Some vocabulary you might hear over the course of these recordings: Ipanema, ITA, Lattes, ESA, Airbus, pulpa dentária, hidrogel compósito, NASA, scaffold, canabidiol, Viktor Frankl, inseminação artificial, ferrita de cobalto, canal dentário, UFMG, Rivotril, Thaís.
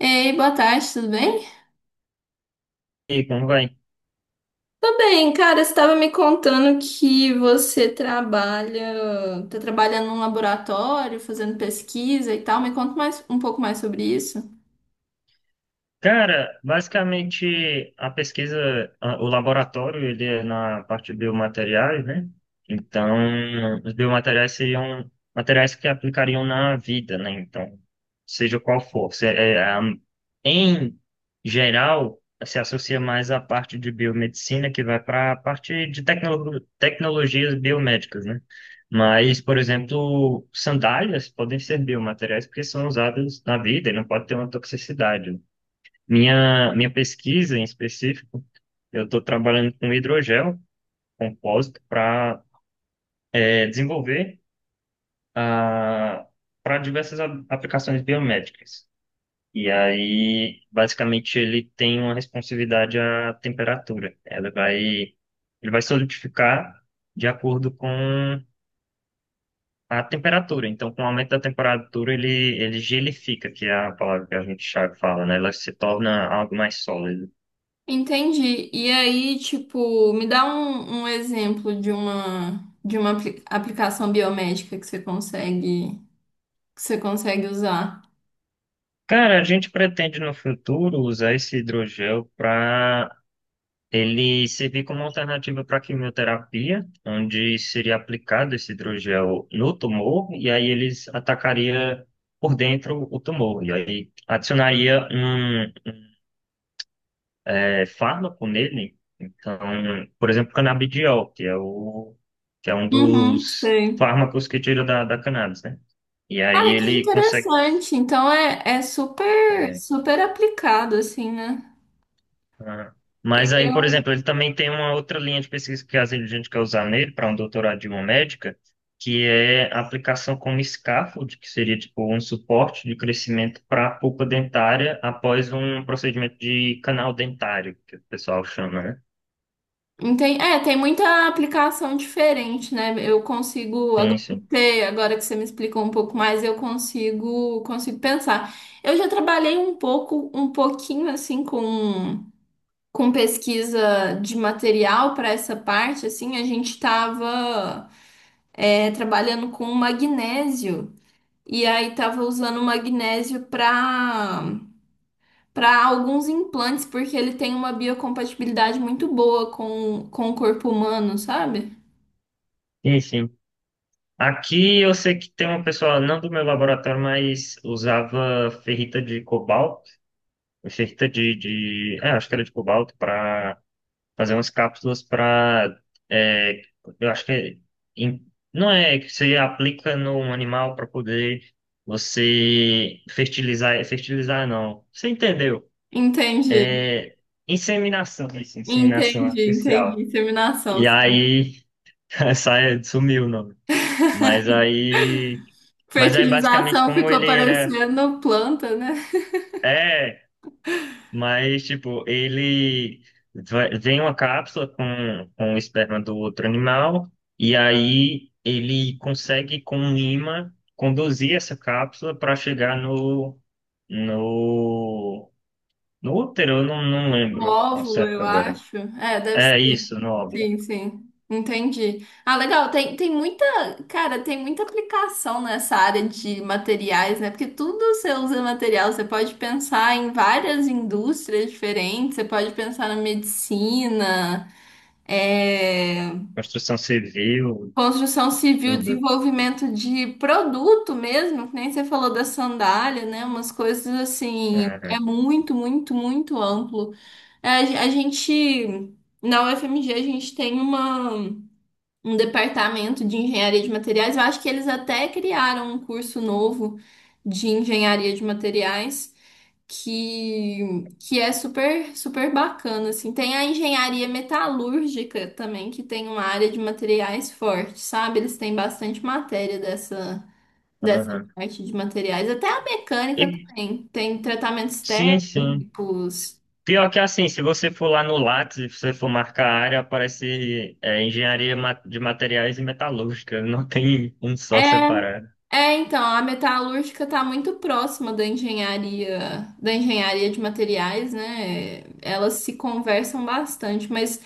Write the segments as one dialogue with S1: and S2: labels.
S1: Ei, boa tarde, tudo bem?
S2: E aí, como vai?
S1: Tá bem, cara, você estava me contando que você trabalha, tá trabalhando num laboratório, fazendo pesquisa e tal. Me conta mais um pouco mais sobre isso.
S2: Cara, basicamente a pesquisa, o laboratório, ele é na parte de biomateriais, né? Então, os biomateriais seriam materiais que aplicariam na vida, né? Então, seja qual for. Em geral, se associa mais à parte de biomedicina, que vai para a parte de tecnologias biomédicas, né? Mas, por exemplo, sandálias podem ser biomateriais porque são usados na vida e não pode ter uma toxicidade. Minha pesquisa em específico, eu estou trabalhando com hidrogel compósito para desenvolver, ah, para diversas aplicações biomédicas. E aí, basicamente, ele tem uma responsividade à temperatura. Ele vai solidificar de acordo com a temperatura. Então, com o aumento da temperatura, ele gelifica, que é a palavra que a gente já fala, né? Ela se torna algo mais sólido.
S1: Entendi. E aí, tipo, me dá um exemplo de uma aplicação biomédica que você consegue usar.
S2: Cara, a gente pretende no futuro usar esse hidrogel para ele servir como alternativa para quimioterapia, onde seria aplicado esse hidrogel no tumor e aí eles atacaria por dentro o tumor e aí adicionaria um fármaco nele. Então, por exemplo, canabidiol, que é um
S1: Uhum,
S2: dos
S1: sei.
S2: fármacos que tira da cannabis, né? E aí
S1: Ah, que
S2: ele consegue.
S1: interessante. Então é super super aplicado assim, né?
S2: Ah. Mas aí, por exemplo, ele também tem uma outra linha de pesquisa que às vezes a gente quer usar nele para um doutorado de uma médica, que é a aplicação como scaffold, que seria tipo um suporte de crescimento para a pulpa dentária após um procedimento de canal dentário, que o pessoal chama, né?
S1: É, tem muita aplicação diferente, né? Eu consigo,
S2: Sim,
S1: agora que
S2: sim.
S1: você agora que você me explicou um pouco mais, eu consigo pensar. Eu já trabalhei um pouco, um pouquinho assim com pesquisa de material para essa parte, assim, a gente estava trabalhando com magnésio e aí tava usando magnésio para alguns implantes, porque ele tem uma biocompatibilidade muito boa com o corpo humano, sabe?
S2: Sim, sim. Aqui eu sei que tem uma pessoa, não do meu laboratório, mas usava ferrita de cobalto, ferrita acho que era de cobalto, para fazer umas cápsulas para. Eu acho que é em- não é que você aplica no animal para poder você fertilizar. Fertilizar não. Você entendeu?
S1: Entendi,
S2: É inseminação, isso, inseminação
S1: entendi,
S2: artificial.
S1: entendi. Inseminação,
S2: E
S1: sim.
S2: aí, sumiu o nome. Mas aí. Mas aí, basicamente,
S1: Fertilização
S2: como
S1: ficou
S2: ele era.
S1: parecendo planta, né?
S2: É, mas, tipo, ele vem uma cápsula com o esperma do outro animal, e aí ele consegue, com um imã, conduzir essa cápsula para chegar no, no útero, eu não
S1: Um
S2: lembro ao
S1: óvulo,
S2: certo
S1: eu
S2: agora.
S1: acho. É, deve ser.
S2: É isso, no óvulo.
S1: Sim, sim. Entendi. Ah, legal. Tem muita, cara, tem muita aplicação nessa área de materiais, né? Porque tudo você usa material. Você pode pensar em várias indústrias diferentes. Você pode pensar na medicina. É...
S2: Construção civil,
S1: Construção civil,
S2: tudo.
S1: desenvolvimento de produto mesmo, que nem você falou da sandália, né? Umas coisas assim, é
S2: Aham,
S1: muito, muito, muito amplo. É, a gente, na UFMG, a gente tem uma, um departamento de engenharia de materiais. Eu acho que eles até criaram um curso novo de engenharia de materiais que é super, super bacana, assim. Tem a engenharia metalúrgica também, que tem uma área de materiais forte, sabe? Eles têm bastante matéria dessa
S2: aham.
S1: parte de materiais. Até a
S2: E,
S1: mecânica também. Tem tratamentos
S2: sim, sim.
S1: térmicos.
S2: Pior que assim, se você for lá no Lattes, se você for marcar a área, aparece engenharia de materiais e metalúrgica, não tem um
S1: É,
S2: só separado.
S1: então, a metalúrgica está muito próxima da engenharia de materiais, né? Elas se conversam bastante, mas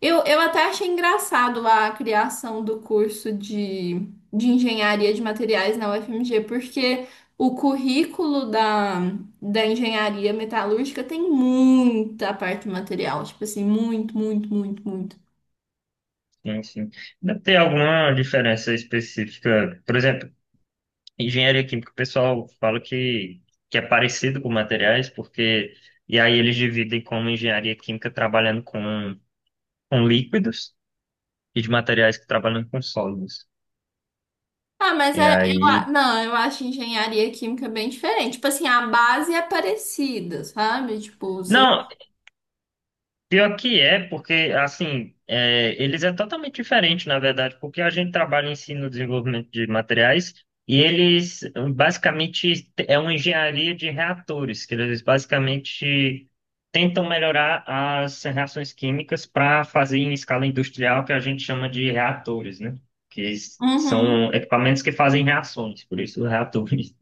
S1: eu até achei engraçado a criação do curso de engenharia de materiais na UFMG, porque o currículo da engenharia metalúrgica tem muita parte material, tipo assim, muito, muito, muito, muito.
S2: Enfim, deve ter alguma diferença específica. Por exemplo, engenharia química, o pessoal fala que é parecido com materiais, porque. E aí eles dividem como engenharia química trabalhando com líquidos e de materiais que trabalham com sólidos.
S1: Ah, mas
S2: E aí.
S1: não, eu acho engenharia química bem diferente. Tipo assim, a base é parecida, sabe? Tipo, você.
S2: Não, pior que é, porque, assim, eles é totalmente diferente, na verdade, porque a gente trabalha em si no desenvolvimento de materiais e eles, basicamente, é uma engenharia de reatores, que eles, basicamente, tentam melhorar as reações químicas para fazer em escala industrial, que a gente chama de reatores, né? Que
S1: Uhum.
S2: são equipamentos que fazem reações, por isso reatores.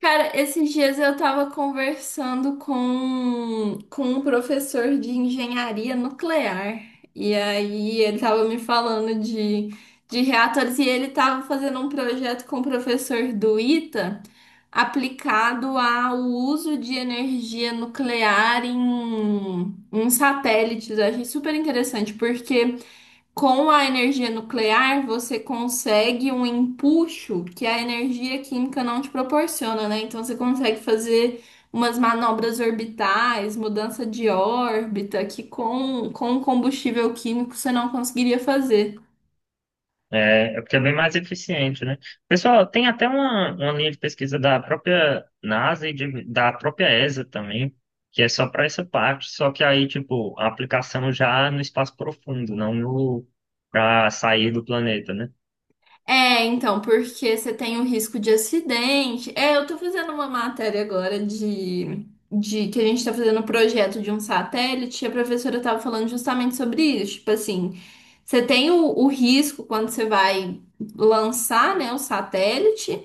S1: Cara, esses dias eu tava conversando com um professor de engenharia nuclear. E aí ele tava me falando de reatores e ele tava fazendo um projeto com o professor do ITA aplicado ao uso de energia nuclear em satélites. Eu achei super interessante porque com a energia nuclear, você consegue um empuxo que a energia química não te proporciona, né? Então você consegue fazer umas manobras orbitais, mudança de órbita, que com o combustível químico você não conseguiria fazer.
S2: É, é porque é bem mais eficiente, né? Pessoal, tem até uma linha de pesquisa da própria NASA e da própria ESA também, que é só para essa parte, só que aí, tipo, a aplicação já é no espaço profundo, não no para sair do planeta, né?
S1: É, então, porque você tem o risco de acidente. É, eu tô fazendo uma matéria agora de que a gente tá fazendo um projeto de um satélite, e a professora tava falando justamente sobre isso. Tipo assim, você tem o risco quando você vai lançar, né, o satélite,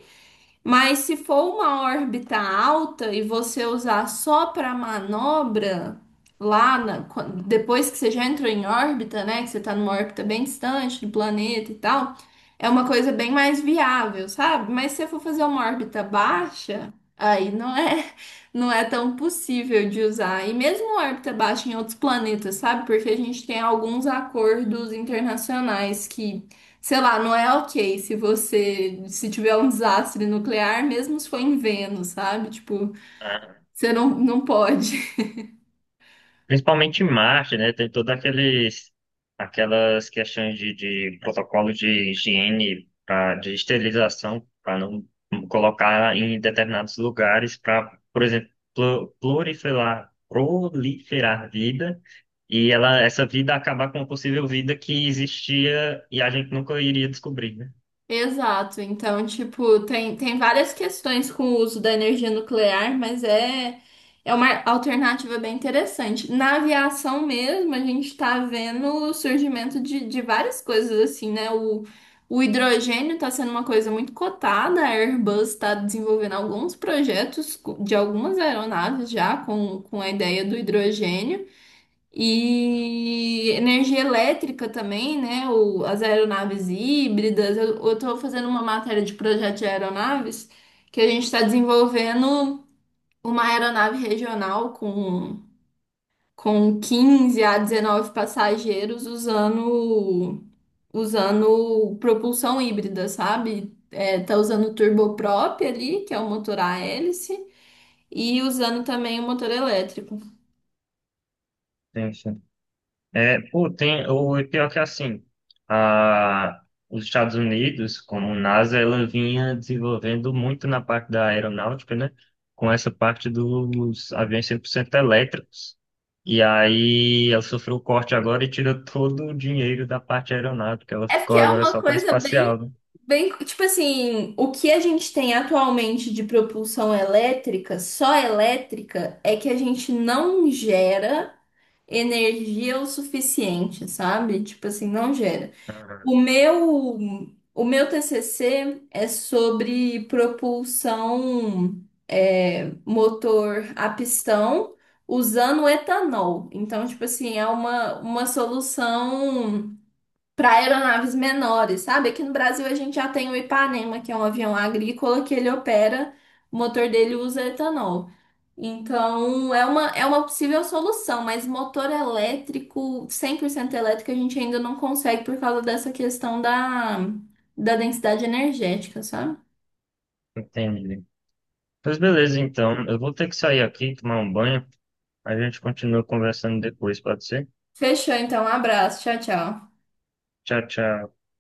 S1: mas se for uma órbita alta e você usar só para manobra, depois que você já entrou em órbita, né? Que você tá numa órbita bem distante do planeta e tal, é uma coisa bem mais viável, sabe? Mas se você for fazer uma órbita baixa, aí não é, não é tão possível de usar. E mesmo órbita baixa em outros planetas, sabe? Porque a gente tem alguns acordos internacionais que. Sei lá, não é ok se tiver um desastre nuclear, mesmo se for em Vênus, sabe? Tipo, você não pode.
S2: Principalmente em Marte, né? Tem todas aqueles, aquelas questões de protocolo de higiene, de esterilização, para não colocar em determinados lugares, para, por exemplo, proliferar vida, e ela, essa vida acabar com uma possível vida que existia e a gente nunca iria descobrir, né?
S1: Exato. Então, tipo, tem várias questões com o uso da energia nuclear, mas é uma alternativa bem interessante. Na aviação mesmo, a gente tá vendo o surgimento de várias coisas assim, né? O hidrogênio tá sendo uma coisa muito cotada, a Airbus está desenvolvendo alguns projetos de algumas aeronaves já com a ideia do hidrogênio. E energia elétrica também, né? As aeronaves híbridas. Eu, estou fazendo uma matéria de projeto de aeronaves que a gente está desenvolvendo uma aeronave regional com 15 a 19 passageiros usando propulsão híbrida, sabe? É, tá usando turboprop ali, que é o motor a hélice, e usando também o motor elétrico.
S2: É, pô, tem, o pior que é assim, a, os Estados Unidos, como NASA, ela vinha desenvolvendo muito na parte da aeronáutica, né? Com essa parte dos aviões 100% elétricos. E aí ela sofreu o corte agora e tirou todo o dinheiro da parte aeronáutica. Ela
S1: É porque
S2: ficou
S1: é
S2: agora
S1: uma
S2: só com a
S1: coisa bem
S2: espacial, né?
S1: Bem, tipo assim, o que a gente tem atualmente de propulsão elétrica, só elétrica, é que a gente não gera energia o suficiente, sabe? Tipo assim, não gera.
S2: Ah,
S1: O meu, o meu TCC é sobre propulsão, motor a pistão usando etanol. Então, tipo assim, é uma, solução para aeronaves menores, sabe? Aqui no Brasil a gente já tem o Ipanema, que é um avião agrícola que ele opera, o motor dele usa etanol. Então, é uma possível solução, mas motor elétrico, 100% elétrico, a gente ainda não consegue por causa dessa questão da densidade energética, sabe?
S2: entendi. Pois beleza, então. Eu vou ter que sair aqui, tomar um banho. A gente continua conversando depois, pode ser?
S1: Fechou, então. Um abraço. Tchau, tchau.
S2: Tchau, tchau.